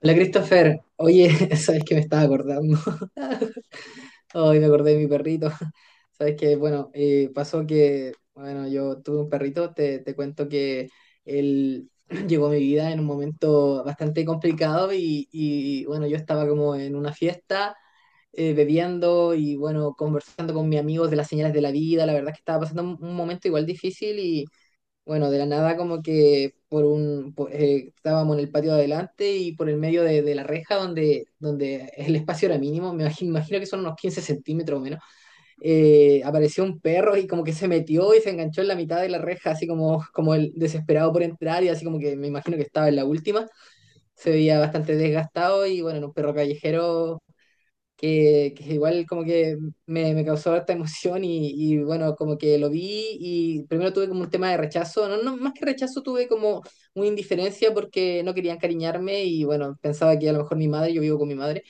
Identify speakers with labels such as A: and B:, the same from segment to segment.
A: Hola Christopher, oye, sabes que me estaba acordando. Hoy me acordé de mi perrito. Sabes que, bueno, pasó que, bueno, yo tuve un perrito, te cuento que él llegó a mi vida en un momento bastante complicado, bueno, yo estaba como en una fiesta, bebiendo y, bueno, conversando con mis amigos de las señales de la vida. La verdad es que estaba pasando un momento igual difícil. Bueno, de la nada, como que por estábamos en el patio de adelante, y por el medio de la reja, donde, el espacio era mínimo, me imagino, que son unos 15 centímetros o menos. Eh, apareció un perro y como que se metió y se enganchó en la mitad de la reja, así como el desesperado por entrar, y así como que me imagino que estaba en la última. Se veía bastante desgastado y, bueno, era un perro callejero que igual como que me causó harta emoción. Y bueno, como que lo vi, y primero tuve como un tema de rechazo. No, no, más que rechazo tuve como una indiferencia, porque no quería encariñarme. Y bueno, pensaba que a lo mejor mi madre... Yo vivo con mi madre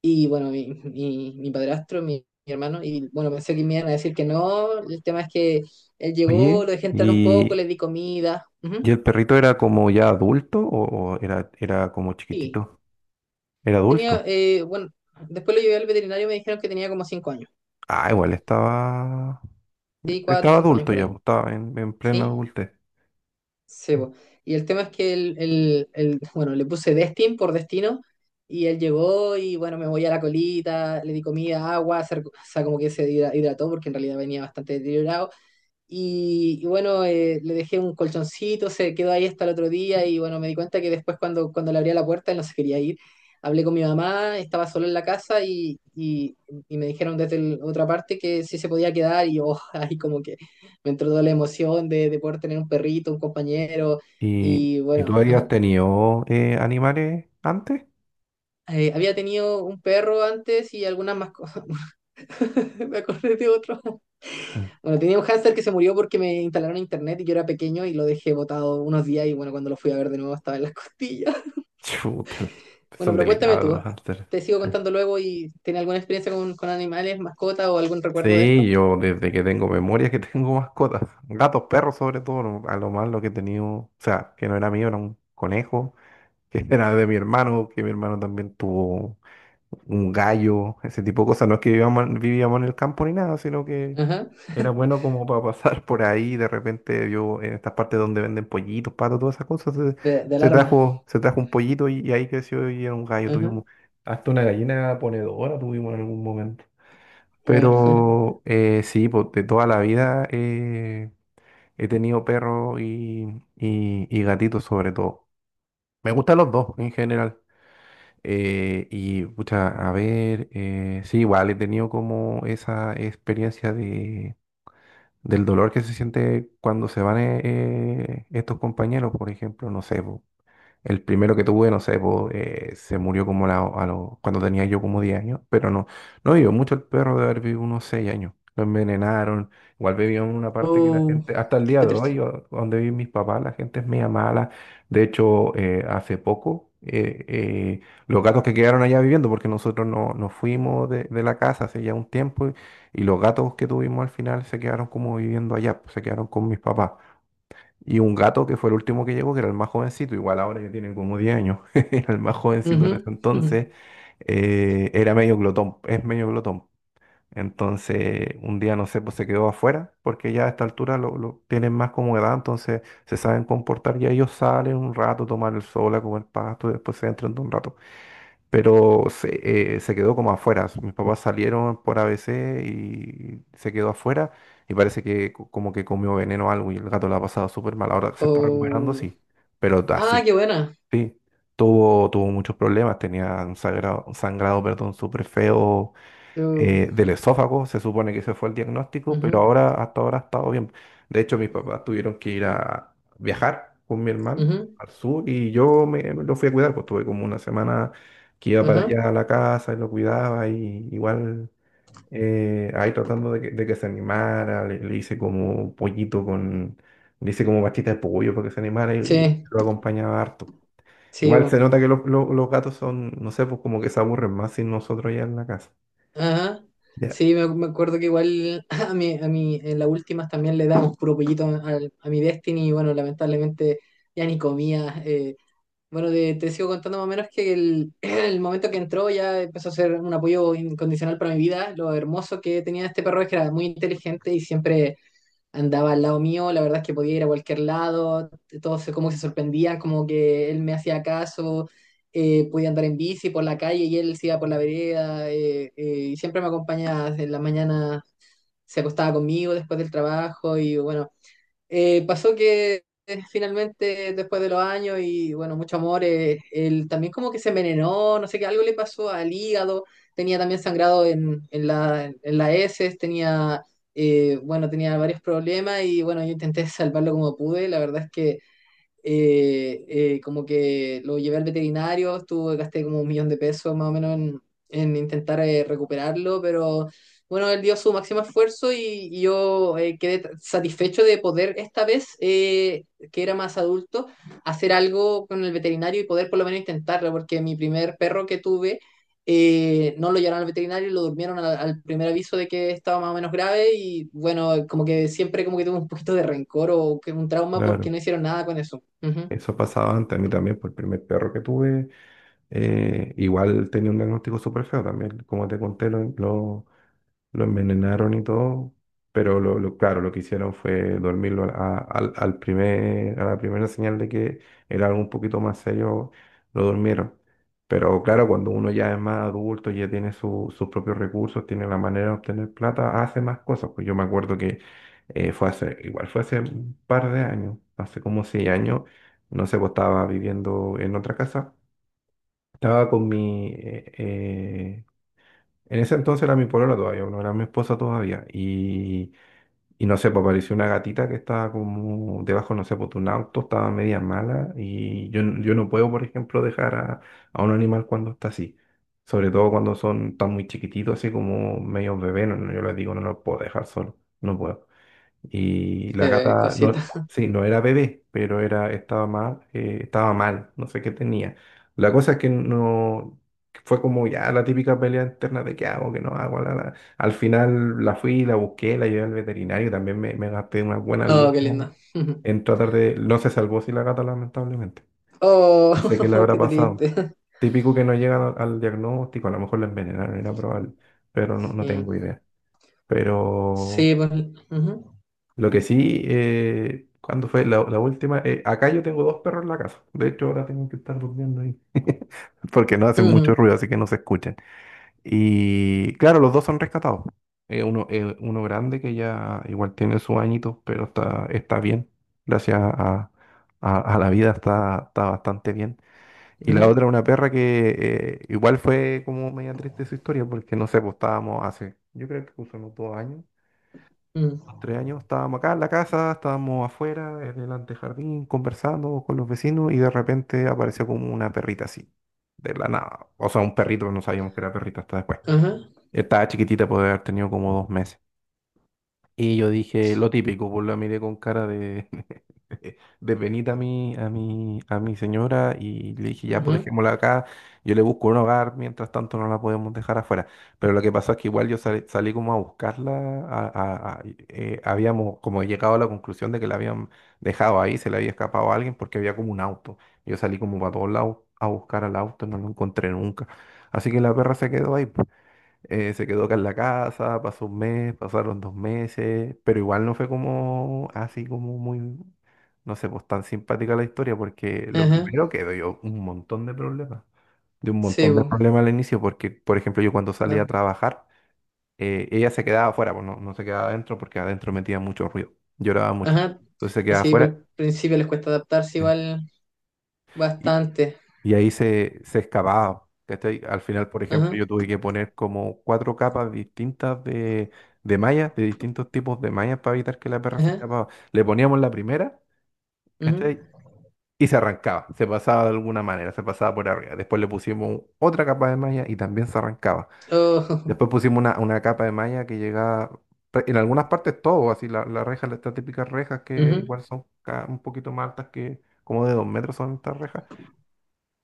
A: y bueno, mi padrastro, mi hermano, y bueno, pensé que me iban a decir que no. El tema es que él llegó,
B: Oye,
A: lo dejé entrar un poco,
B: ¿y,
A: le di comida.
B: y
A: Ujú.
B: el perrito era como ya adulto o era como
A: Sí,
B: chiquitito? Era
A: tenía,
B: adulto.
A: bueno, después lo llevé al veterinario y me dijeron que tenía como 5 años.
B: Ah, igual estaba,
A: Sí, cuatro o
B: estaba
A: cinco años
B: adulto
A: por
B: ya,
A: ahí.
B: pues, estaba en plena
A: Sí.
B: adultez.
A: Sí,
B: Sí.
A: po. Y el tema es que bueno, le puse Destin por destino, y él llegó y bueno, me voy a la colita, le di comida, agua, o sea, como que hidrató porque en realidad venía bastante deteriorado. Y bueno, le dejé un colchoncito, se quedó ahí hasta el otro día, y bueno, me di cuenta que después cuando, le abría la puerta, él no se quería ir. Hablé con mi mamá. Estaba solo en la casa, y me dijeron desde otra parte que sí se podía quedar, y yo ahí como que me entró toda la emoción de poder tener un perrito, un compañero.
B: ¿Y,
A: Y
B: y tú
A: bueno,
B: habías
A: ajá.
B: tenido animales antes?
A: Había tenido un perro antes y algunas más cosas. Me acordé de otro.
B: Ah.
A: Bueno, tenía un hámster que se murió porque me instalaron internet y yo era pequeño, y lo dejé botado unos días. Y bueno, cuando lo fui a ver de nuevo estaba en las costillas.
B: Chuta,
A: Bueno,
B: son
A: pero cuéntame
B: delicados
A: tú,
B: los hámsters.
A: te sigo
B: Sí,
A: contando luego, y ¿tienes alguna experiencia con animales, mascotas o algún recuerdo de
B: sí,
A: esto?
B: yo desde que tengo memoria que tengo mascotas, gatos, perros sobre todo, a lo más lo que he tenido, o sea, que no era mío, era un conejo, que era de mi hermano, que mi hermano también tuvo un gallo, ese tipo de cosas. No es que vivíamos, vivíamos en el campo ni nada, sino que
A: Ajá,
B: era bueno como para pasar por ahí. De repente yo en estas partes donde venden pollitos, patos, todas esas cosas,
A: de
B: se
A: alarma.
B: trajo, se trajo un pollito y ahí creció y era un gallo.
A: Ajá,
B: Tuvimos hasta una gallina ponedora tuvimos en algún momento.
A: bueno.
B: Pero sí, pues, de toda la vida he tenido perros y gatitos sobre todo. Me gustan los dos en general. Y, pucha, a ver, sí, igual he tenido como esa experiencia del dolor que se siente cuando se van estos compañeros, por ejemplo, no sé, po, el primero que tuve, no sé, po, se murió como cuando tenía yo como 10 años, pero no, no vivió mucho el perro de haber vivido unos 6 años. Lo envenenaron, igual vivió en una parte que la
A: Oh,
B: gente, hasta el día
A: qué
B: de
A: triste.
B: hoy, donde viven mis papás, la gente es media mala. De hecho, hace poco, los gatos que quedaron allá viviendo, porque nosotros no, nos fuimos de la casa hace ya un tiempo, y los gatos que tuvimos al final se quedaron como viviendo allá, pues, se quedaron con mis papás. Y un gato que fue el último que llegó, que era el más jovencito, igual ahora ya tiene como 10 años, era el más jovencito
A: Ujú,
B: en ese
A: ujú.
B: entonces, era medio glotón, es medio glotón. Entonces, un día, no sé, pues se quedó afuera, porque ya a esta altura lo tienen más como edad, entonces se saben comportar, ya ellos salen un rato, toman el sol, a comer pasto, y después se entran de un rato, pero se quedó como afuera. Mis papás salieron por ABC y se quedó afuera y parece que como que comió veneno o algo y el gato la ha pasado súper mal. Ahora se está recuperando,
A: Oh,
B: sí, pero así,
A: ah,
B: sí.
A: qué buena.
B: Sí, tuvo muchos problemas, tenía un un sangrado, perdón, súper feo
A: Oh,
B: del esófago, se supone que ese fue el diagnóstico, pero
A: ujú,
B: ahora, hasta ahora ha estado bien. De hecho, mis papás tuvieron que ir a viajar con mi hermano
A: ujú,
B: al sur y yo me lo fui a cuidar, pues tuve como una semana que iba para
A: ajá.
B: allá a la casa y lo cuidaba y igual ahí tratando de que se animara, le hice como pastita de pollo para que se animara y
A: Sí,
B: lo acompañaba harto.
A: sí.
B: Igual se nota que los gatos son, no sé, pues como que se aburren más sin nosotros ya en la casa.
A: Ajá.
B: Ya.
A: Sí, me acuerdo que igual a mi, en las últimas también le damos puro pollito a mi Destiny. Y bueno, lamentablemente ya ni comía. Bueno, te sigo contando más o menos que el, el momento que entró ya empezó a ser un apoyo incondicional para mi vida. Lo hermoso que tenía este perro es que era muy inteligente, y siempre andaba al lado mío. La verdad es que podía ir a cualquier lado, todos como que se sorprendían, como que él me hacía caso. Eh, podía andar en bici por la calle y él se iba por la vereda. Y siempre me acompañaba en la mañana, se acostaba conmigo después del trabajo. Y bueno, pasó que finalmente, después de los años, y bueno, mucho amor, él también como que se envenenó. No sé qué, algo le pasó al hígado. Tenía también sangrado en la heces, tenía, bueno, tenía varios problemas. Y bueno, yo intenté salvarlo como pude. La verdad es que como que lo llevé al veterinario, estuve, gasté como 1.000.000 de pesos más o menos en, intentar recuperarlo. Pero bueno, él dio su máximo esfuerzo. Y yo quedé satisfecho de poder esta vez, que era más adulto, hacer algo con el veterinario y poder por lo menos intentarlo, porque mi primer perro que tuve... no lo llevaron al veterinario, lo durmieron al primer aviso de que estaba más o menos grave. Y bueno, como que siempre como que tuve un poquito de rencor, o que un trauma, porque
B: Claro.
A: no hicieron nada con eso. Ujú.
B: Eso pasaba antes a mí también, por el primer perro que tuve, igual tenía un diagnóstico súper feo también, como te conté, lo envenenaron y todo, pero claro, lo que hicieron fue dormirlo a la primera señal de que era algo un poquito más serio, lo durmieron. Pero claro, cuando uno ya es más adulto, ya tiene sus propios recursos, tiene la manera de obtener plata, hace más cosas. Pues yo me acuerdo que igual fue hace un par de años, hace como 6 años, no sé, pues estaba viviendo en otra casa. Estaba con mi, eh, en ese entonces era mi polola todavía, no era mi esposa todavía. Y no sé, pues apareció una gatita que estaba como debajo, no sé, pues de un auto, estaba media mala. Y yo no puedo, por ejemplo, dejar a un animal cuando está así. Sobre todo cuando son tan muy chiquititos, así como medio bebé, no, no, yo les digo, no los puedo dejar solo, no puedo. Y la gata, no,
A: Cosita.
B: sí, no era bebé, pero estaba mal, no sé qué tenía. La cosa es que no, fue como ya la típica pelea interna de qué hago, qué no hago. La, la. Al final la fui, la busqué, la llevé al veterinario, también me gasté unas buenas
A: Oh, qué
B: lucas
A: lindo. Ujú.
B: en tratar de, no se salvó si la gata lamentablemente.
A: Oh,
B: No sé qué le habrá
A: qué
B: pasado.
A: triste.
B: Típico que no llegan al diagnóstico, a lo mejor la envenenaron, era probable, pero no, no
A: Sí.
B: tengo idea. Pero
A: Sí, pues. Ujú,
B: lo que sí, ¿cuándo fue la última? Acá yo tengo dos perros en la casa. De hecho, ahora tengo que estar durmiendo ahí. Porque no hacen mucho
A: ujú,
B: ruido, así que no se escuchan. Y claro, los dos son rescatados. Uno grande que ya igual tiene sus añitos, pero está bien. Gracias a la vida está bastante bien. Y la
A: ujú,
B: otra, una perra que igual fue como media triste su historia, porque no sé, pues estábamos hace, yo creo que unos 2 años,
A: ujú.
B: los 3 años estábamos acá en la casa, estábamos afuera, en el antejardín, conversando con los vecinos y de repente apareció como una perrita así, de la nada. O sea, un perrito, no sabíamos que era perrito hasta después.
A: Ajá.
B: Estaba chiquitita, puede haber tenido como 2 meses. Y yo dije lo típico, pues la miré con cara de, de penita a a mi señora y le dije, ya, pues
A: Ujú,
B: dejémosla acá, yo le busco un hogar, mientras tanto no la podemos dejar afuera. Pero lo que pasó es que igual yo salí, salí como a buscarla, a- a- a- habíamos como llegado a la conclusión de que la habían dejado ahí, se le había escapado a alguien porque había como un auto. Yo salí como para todos lados a buscar al auto, no lo encontré nunca. Así que la perra se quedó ahí, pues. Se quedó acá en la casa, pasó un mes, pasaron 2 meses, pero igual no fue como así como muy, no sé, pues tan simpática la historia, porque lo
A: ajá.
B: primero que dio un montón de problemas,
A: Sí, pues.
B: al inicio, porque, por ejemplo, yo cuando salía a
A: da-
B: trabajar, ella se quedaba afuera, pues no, no se quedaba adentro porque adentro metía mucho ruido, lloraba mucho,
A: Ajá.
B: entonces se quedaba
A: Así por
B: afuera.
A: el principio les cuesta adaptarse
B: Sí.
A: igual bastante.
B: Y ahí se excavaba. ¿Cachai? Al final, por ejemplo,
A: Ajá.
B: yo tuve que poner como cuatro capas distintas de mallas, de distintos tipos de mallas para evitar que la perra se
A: Ajá.
B: escapaba. Le poníamos la primera,
A: Ujú.
B: ¿cachai? Y se arrancaba, se pasaba de alguna manera, se pasaba por arriba. Después le pusimos otra capa de malla y también se arrancaba.
A: Oh,
B: Después pusimos una capa de malla que llegaba, en algunas partes todo, así la reja, las estas típicas rejas que
A: ujú.
B: igual son un poquito más altas que como de 2 metros son estas rejas,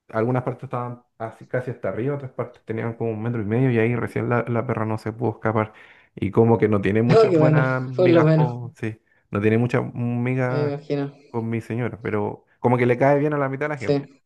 B: algunas partes estaban así, casi hasta arriba, otras partes tenían como un metro y medio y ahí recién la perra no se pudo escapar. Y como que no tiene
A: Oh,
B: muchas
A: qué bueno.
B: buenas
A: Por lo
B: migas
A: menos.
B: con, sí, no tiene muchas
A: Me
B: migas
A: imagino.
B: con mi señora, pero como que le cae bien a la mitad de la gente.
A: Sí.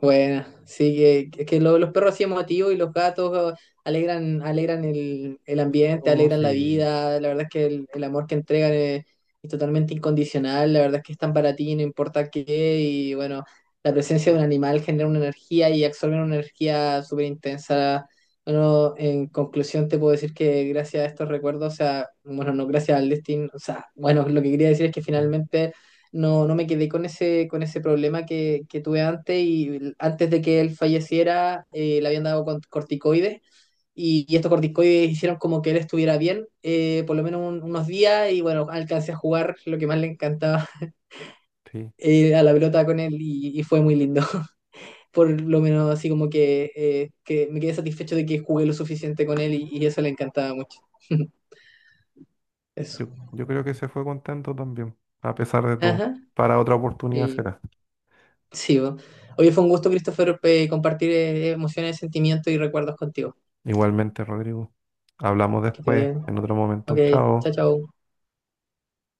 A: Bueno, sí, que, es que los perros así emotivos y los gatos alegran, alegran el ambiente,
B: No,
A: alegran la
B: sí.
A: vida. La verdad es que el amor que entregan es totalmente incondicional. La verdad es que están para ti, no importa qué. Y bueno, la presencia de un animal genera una energía, y absorben una energía súper intensa. Bueno, en conclusión te puedo decir que gracias a estos recuerdos, o sea, bueno, no, gracias al destino, o sea, bueno, lo que quería decir es que
B: Mm,
A: finalmente no, no me quedé con ese problema que tuve antes, y antes de que él falleciera, le habían dado corticoides. Y estos corticoides hicieron como que él estuviera bien, por lo menos unos días. Y bueno, alcancé a jugar lo que más le encantaba
B: sí,
A: a la pelota con él. Y fue muy lindo. Por lo menos así como que me quedé satisfecho de que jugué lo suficiente con él, y eso le encantaba mucho. Eso.
B: yo creo que se fue contento también, a pesar de todo.
A: Ajá.
B: Para otra oportunidad
A: Sí.
B: será.
A: Sí, bo. Oye, fue un gusto, Christopher, compartir emociones, sentimientos y recuerdos contigo.
B: Igualmente, Rodrigo. Hablamos
A: Que te
B: después,
A: vaya bien.
B: en otro momento.
A: Ok, chao,
B: Chao.
A: chao.